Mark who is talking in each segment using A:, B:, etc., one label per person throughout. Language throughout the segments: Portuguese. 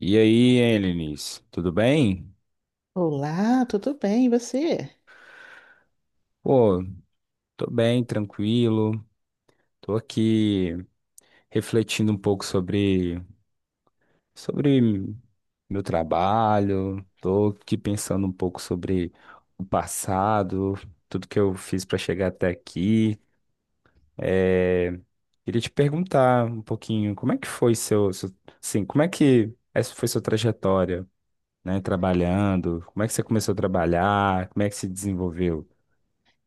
A: E aí, hein, tudo bem?
B: Olá, tudo bem? E você?
A: Pô, tô bem, tranquilo. Tô aqui refletindo um pouco sobre meu trabalho. Tô aqui pensando um pouco sobre o passado, tudo que eu fiz para chegar até aqui. É, queria te perguntar um pouquinho, como é que foi assim, como é que essa foi sua trajetória, né, trabalhando? Como é que você começou a trabalhar? Como é que se desenvolveu?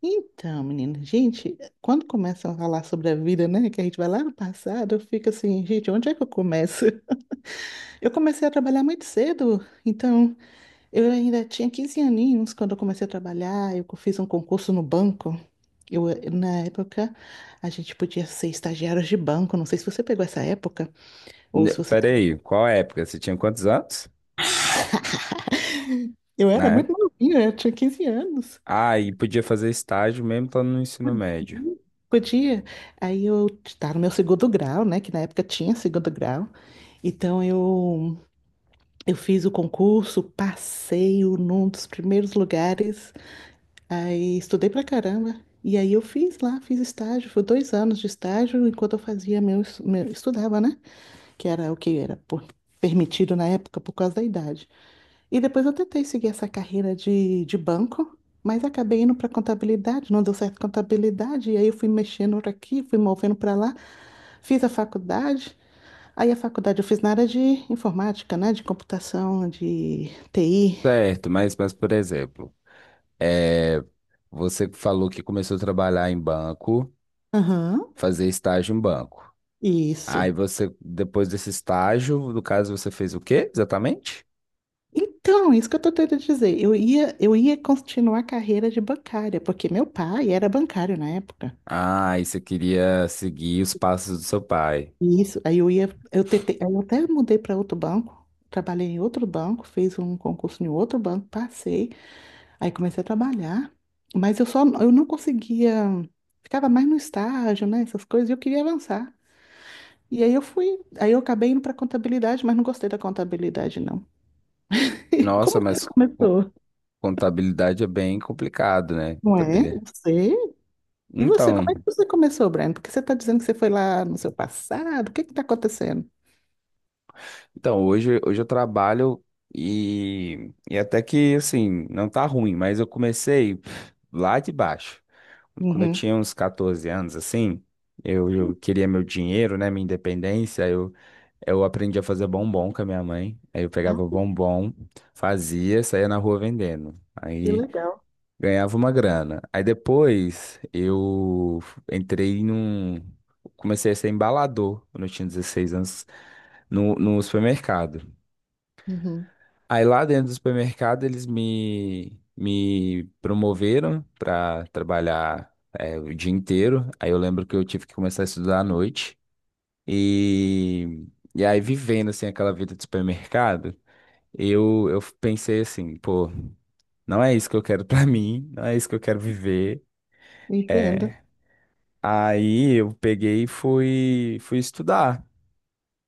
B: Então, menina, gente, quando começam a falar sobre a vida, né, que a gente vai lá no passado, eu fico assim, gente, onde é que eu começo? Eu comecei a trabalhar muito cedo, então eu ainda tinha 15 aninhos quando eu comecei a trabalhar, eu fiz um concurso no banco. Na época, a gente podia ser estagiários de banco, não sei se você pegou essa época, ou se você...
A: Peraí, qual época? Você tinha quantos anos?
B: Eu era
A: Na
B: muito
A: época?
B: novinha, eu tinha 15 anos.
A: Ah, e podia fazer estágio mesmo estando no ensino médio.
B: Hum, Podia. Aí eu estava no meu segundo grau, né? Que na época tinha segundo grau. Então, eu fiz o concurso, num dos primeiros lugares. Aí estudei pra caramba. E aí eu fiz lá, fiz estágio. Foi 2 anos de estágio enquanto eu fazia meu estudava, né? Que era o que era por- Permitido na época por causa da idade. E depois eu tentei seguir essa carreira de banco, mas acabei indo para contabilidade, não deu certo contabilidade, e aí eu fui mexendo para aqui, fui movendo para lá, fiz a faculdade. Aí a faculdade eu fiz na área de informática, né? De computação, de TI.
A: Certo, mas por exemplo, é, você falou que começou a trabalhar em banco,
B: Aham,
A: fazer estágio em banco. Aí
B: isso.
A: você, depois desse estágio, no caso, você fez o quê exatamente?
B: Então, isso que eu tô tentando dizer. Eu ia continuar a carreira de bancária, porque meu pai era bancário na época.
A: Ah, e você queria seguir os passos do seu pai.
B: E isso, eu tentei, aí eu até mudei para outro banco, trabalhei em outro banco, fiz um concurso em outro banco, passei, aí comecei a trabalhar, mas eu não conseguia, ficava mais no estágio, né, essas coisas, e eu queria avançar. Aí eu acabei indo para contabilidade, mas não gostei da contabilidade, não. E como
A: Nossa,
B: você
A: mas co-
B: começou?
A: contabilidade é bem complicado, né?
B: Não é? Eu
A: Contabilidade.
B: sei. E você, como é
A: Então.
B: que você começou, Brian? Porque você está dizendo que você foi lá no seu passado, o que que está acontecendo?
A: Então, hoje eu trabalho e até que, assim, não tá ruim, mas eu comecei lá de baixo. Quando eu
B: Uhum.
A: tinha uns 14 anos, assim, eu queria meu dinheiro, né, minha independência, eu aprendi a fazer bombom com a minha mãe. Aí eu
B: Ah,
A: pegava o bombom, fazia, saía na rua vendendo.
B: que
A: Aí
B: legal.
A: ganhava uma grana. Aí depois eu entrei num... comecei a ser embalador quando eu tinha 16 anos no supermercado.
B: Uhum.
A: Aí lá dentro do supermercado eles me promoveram para trabalhar o dia inteiro. Aí eu lembro que eu tive que começar a estudar à noite. E, e aí vivendo assim aquela vida de supermercado, eu pensei assim, pô, não é isso que eu quero para mim, não é isso que eu quero viver.
B: Entendo.
A: É. Aí eu peguei e fui estudar.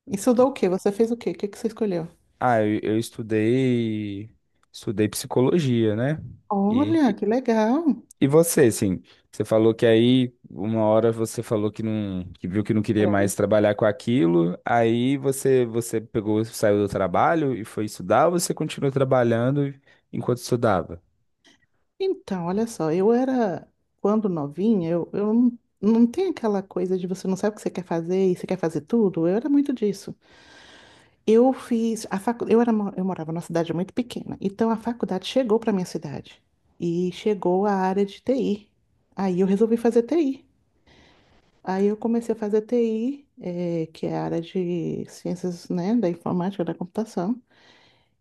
B: Isso dá o quê? Você fez o quê? O que que você escolheu?
A: Ah, eu estudei psicologia, né? E
B: Olha, que legal.
A: E você, assim, você falou que aí uma hora você falou que não, que viu que não queria
B: Peraí.
A: mais trabalhar com aquilo, aí você pegou, saiu do trabalho e foi estudar, ou você continuou trabalhando enquanto estudava?
B: Então, olha só, quando novinha, eu não tem aquela coisa de você não sabe o que você quer fazer e você quer fazer tudo. Eu era muito disso. Eu fiz a facu... eu morava numa cidade muito pequena, então a faculdade chegou para minha cidade e chegou a área de TI. Aí eu resolvi fazer TI. Aí eu comecei a fazer TI, que é a área de ciências, né, da informática, da computação.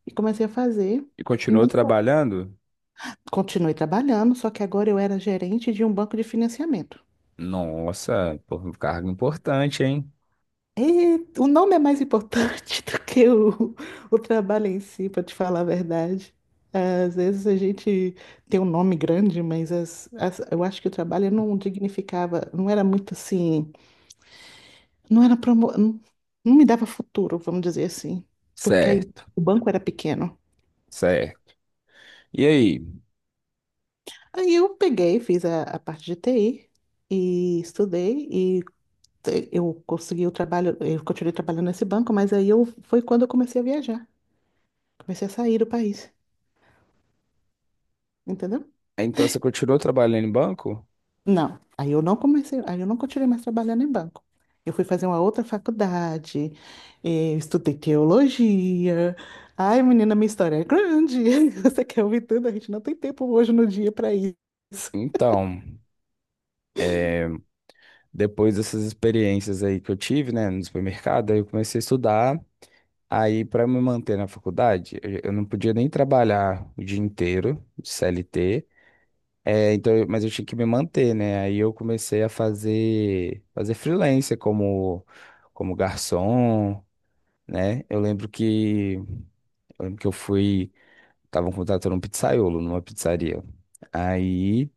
B: E comecei a fazer.
A: E
B: E
A: continuou
B: nessa-
A: trabalhando?
B: continuei trabalhando, só que agora eu era gerente de um banco de financiamento.
A: Nossa, pô, um cargo importante, hein?
B: E o nome é mais importante do que o trabalho em si, para te falar a verdade. Às vezes a gente tem um nome grande, mas eu acho que o trabalho não dignificava, não era muito assim, não era promo, não, não me dava futuro, vamos dizer assim, porque aí
A: Certo,
B: o banco era pequeno.
A: certo. E aí?
B: Aí eu peguei, fiz a parte de TI e estudei, eu consegui o trabalho, eu continuei trabalhando nesse banco, mas aí eu foi quando eu comecei a viajar, comecei a sair do país, entendeu?
A: Então você continuou trabalhando em banco?
B: Não, aí eu não continuei mais trabalhando em banco. Eu fui fazer uma outra faculdade, estudei teologia. Ai, menina, minha história é grande. Você quer ouvir tudo? A gente não tem tempo hoje no dia para isso.
A: Então, depois dessas experiências aí que eu tive, né, no supermercado, aí eu comecei a estudar. Aí, para me manter na faculdade, eu não podia nem trabalhar o dia inteiro de CLT, é, então, mas eu tinha que me manter, né? Aí eu comecei a fazer freelancer como garçom, né? Eu lembro que eu fui, estavam contratando um pizzaiolo numa pizzaria. Aí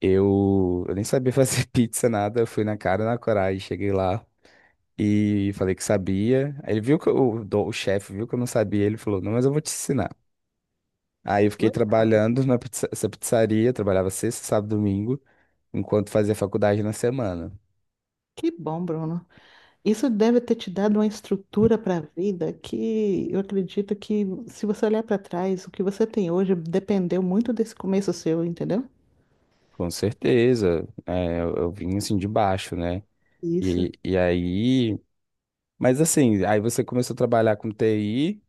A: eu nem sabia fazer pizza, nada, eu fui na cara, e na coragem, cheguei lá. E falei que sabia. Aí ele viu que o chefe viu que eu não sabia. Ele falou: Não, mas eu vou te ensinar. Aí eu fiquei
B: Legal.
A: trabalhando na essa pizzaria, trabalhava sexta, sábado, domingo, enquanto fazia faculdade na semana.
B: Que bom, Bruno. Isso deve ter te dado uma estrutura para a vida que eu acredito que, se você olhar para trás, o que você tem hoje dependeu muito desse começo seu, entendeu?
A: Com certeza, é, eu vim assim de baixo, né?
B: Isso.
A: E aí, mas assim, aí você começou a trabalhar com TI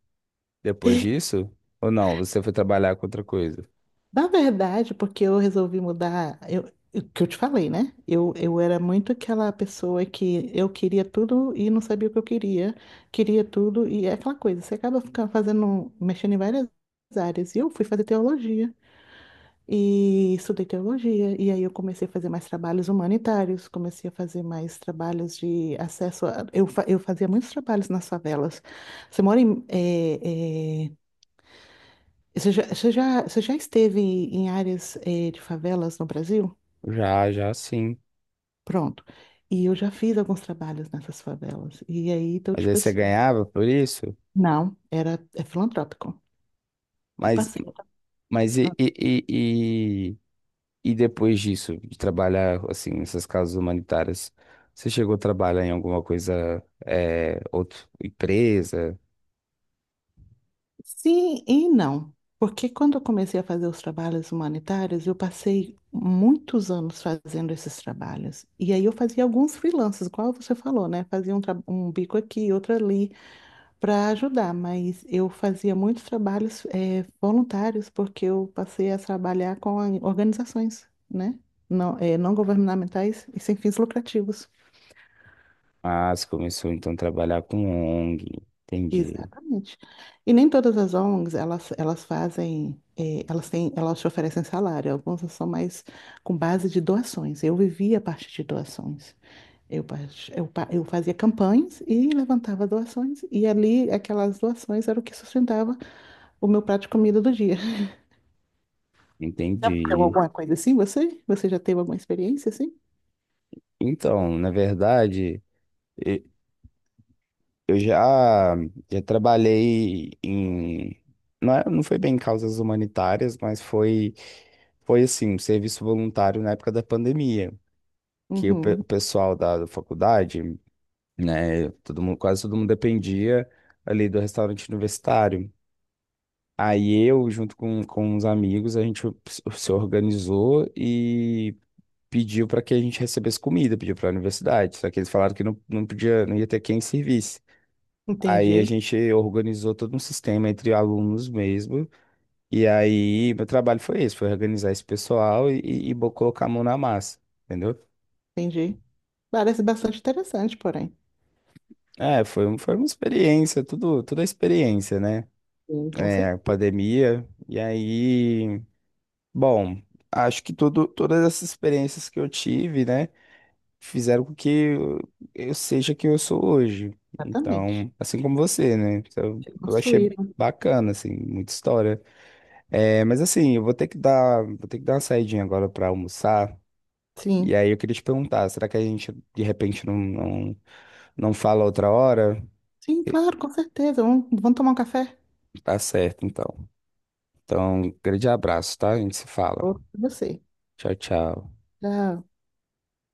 A: depois disso? Ou não? Você foi trabalhar com outra coisa?
B: Na verdade, porque eu resolvi mudar, eu, o que eu te falei, né? Eu era muito aquela pessoa que eu queria tudo e não sabia o que eu queria, queria tudo, e é aquela coisa, você acaba ficando fazendo, mexendo em várias áreas. E eu fui fazer teologia. E estudei teologia, e aí eu comecei a fazer mais trabalhos humanitários, comecei a fazer mais trabalhos de acesso a... eu fazia muitos trabalhos nas favelas. Você mora em... você já, você já esteve em áreas, de favelas no Brasil?
A: Já, já sim.
B: Pronto. E eu já fiz alguns trabalhos nessas favelas. E aí, então,
A: Mas aí
B: tipo
A: você
B: assim...
A: ganhava por isso?
B: Não, é filantrópico. Eu
A: Mas,
B: passei.
A: mas e depois disso, de trabalhar assim nessas causas humanitárias, você chegou a trabalhar em alguma coisa, outra empresa?
B: Sim e não. Porque quando eu comecei a fazer os trabalhos humanitários, eu passei muitos anos fazendo esses trabalhos. E aí eu fazia alguns freelances, igual você falou, né? Fazia um bico aqui, outro ali, para ajudar. Mas eu fazia muitos trabalhos voluntários, porque eu passei a trabalhar com organizações, né? Não, não governamentais e sem fins lucrativos.
A: Ah, você começou então a trabalhar com ONG. Entendi,
B: Exatamente. E nem todas as ONGs, elas fazem, elas te oferecem salário. Algumas são mais com base de doações. Eu vivia a partir de doações. Eu, part- eu, pa- eu fazia campanhas e levantava doações. E ali, aquelas doações eram o que sustentava o meu prato de comida do dia. Já aconteceu
A: entendi.
B: alguma coisa assim, você? Você já teve alguma experiência assim?
A: Então, na verdade, e- eu já trabalhei em não, não foi bem em causas humanitárias, mas foi assim, um serviço voluntário na época da pandemia, que o
B: Uhum,
A: o pessoal da faculdade né? Todo mundo, quase todo mundo dependia ali do restaurante universitário. Aí eu, junto com uns amigos, a gente se organizou e pediu para que a gente recebesse comida, pediu para a universidade. Só que eles falaram que não, não podia, não ia ter quem servisse. Aí a
B: entendi.
A: gente organizou todo um sistema entre alunos mesmo. E aí meu trabalho foi esse, foi organizar esse pessoal e colocar a mão na massa, entendeu?
B: Entendi. Parece bastante interessante, porém.
A: É, foi, foi uma experiência, tudo, tudo é experiência, né?
B: Sim, com
A: É,
B: certeza.
A: pandemia. E aí, bom, acho que tudo, todas essas experiências que eu tive, né, fizeram com que eu seja quem eu sou hoje.
B: Exatamente.
A: Então, assim como você, né? Então,
B: Se
A: eu achei
B: construíram.
A: bacana, assim, muita história. É, mas assim, eu vou ter que dar, vou ter que dar uma saidinha agora para almoçar. E
B: Sim.
A: aí eu queria te perguntar, será que a gente de repente não, não, não fala outra hora?
B: Sim,
A: E-
B: claro, com certeza. Vamos tomar um café?
A: Tá certo, então. Então, grande abraço, tá? A gente se fala.
B: Outro pra você.
A: Tchau, tchau.
B: Tchau.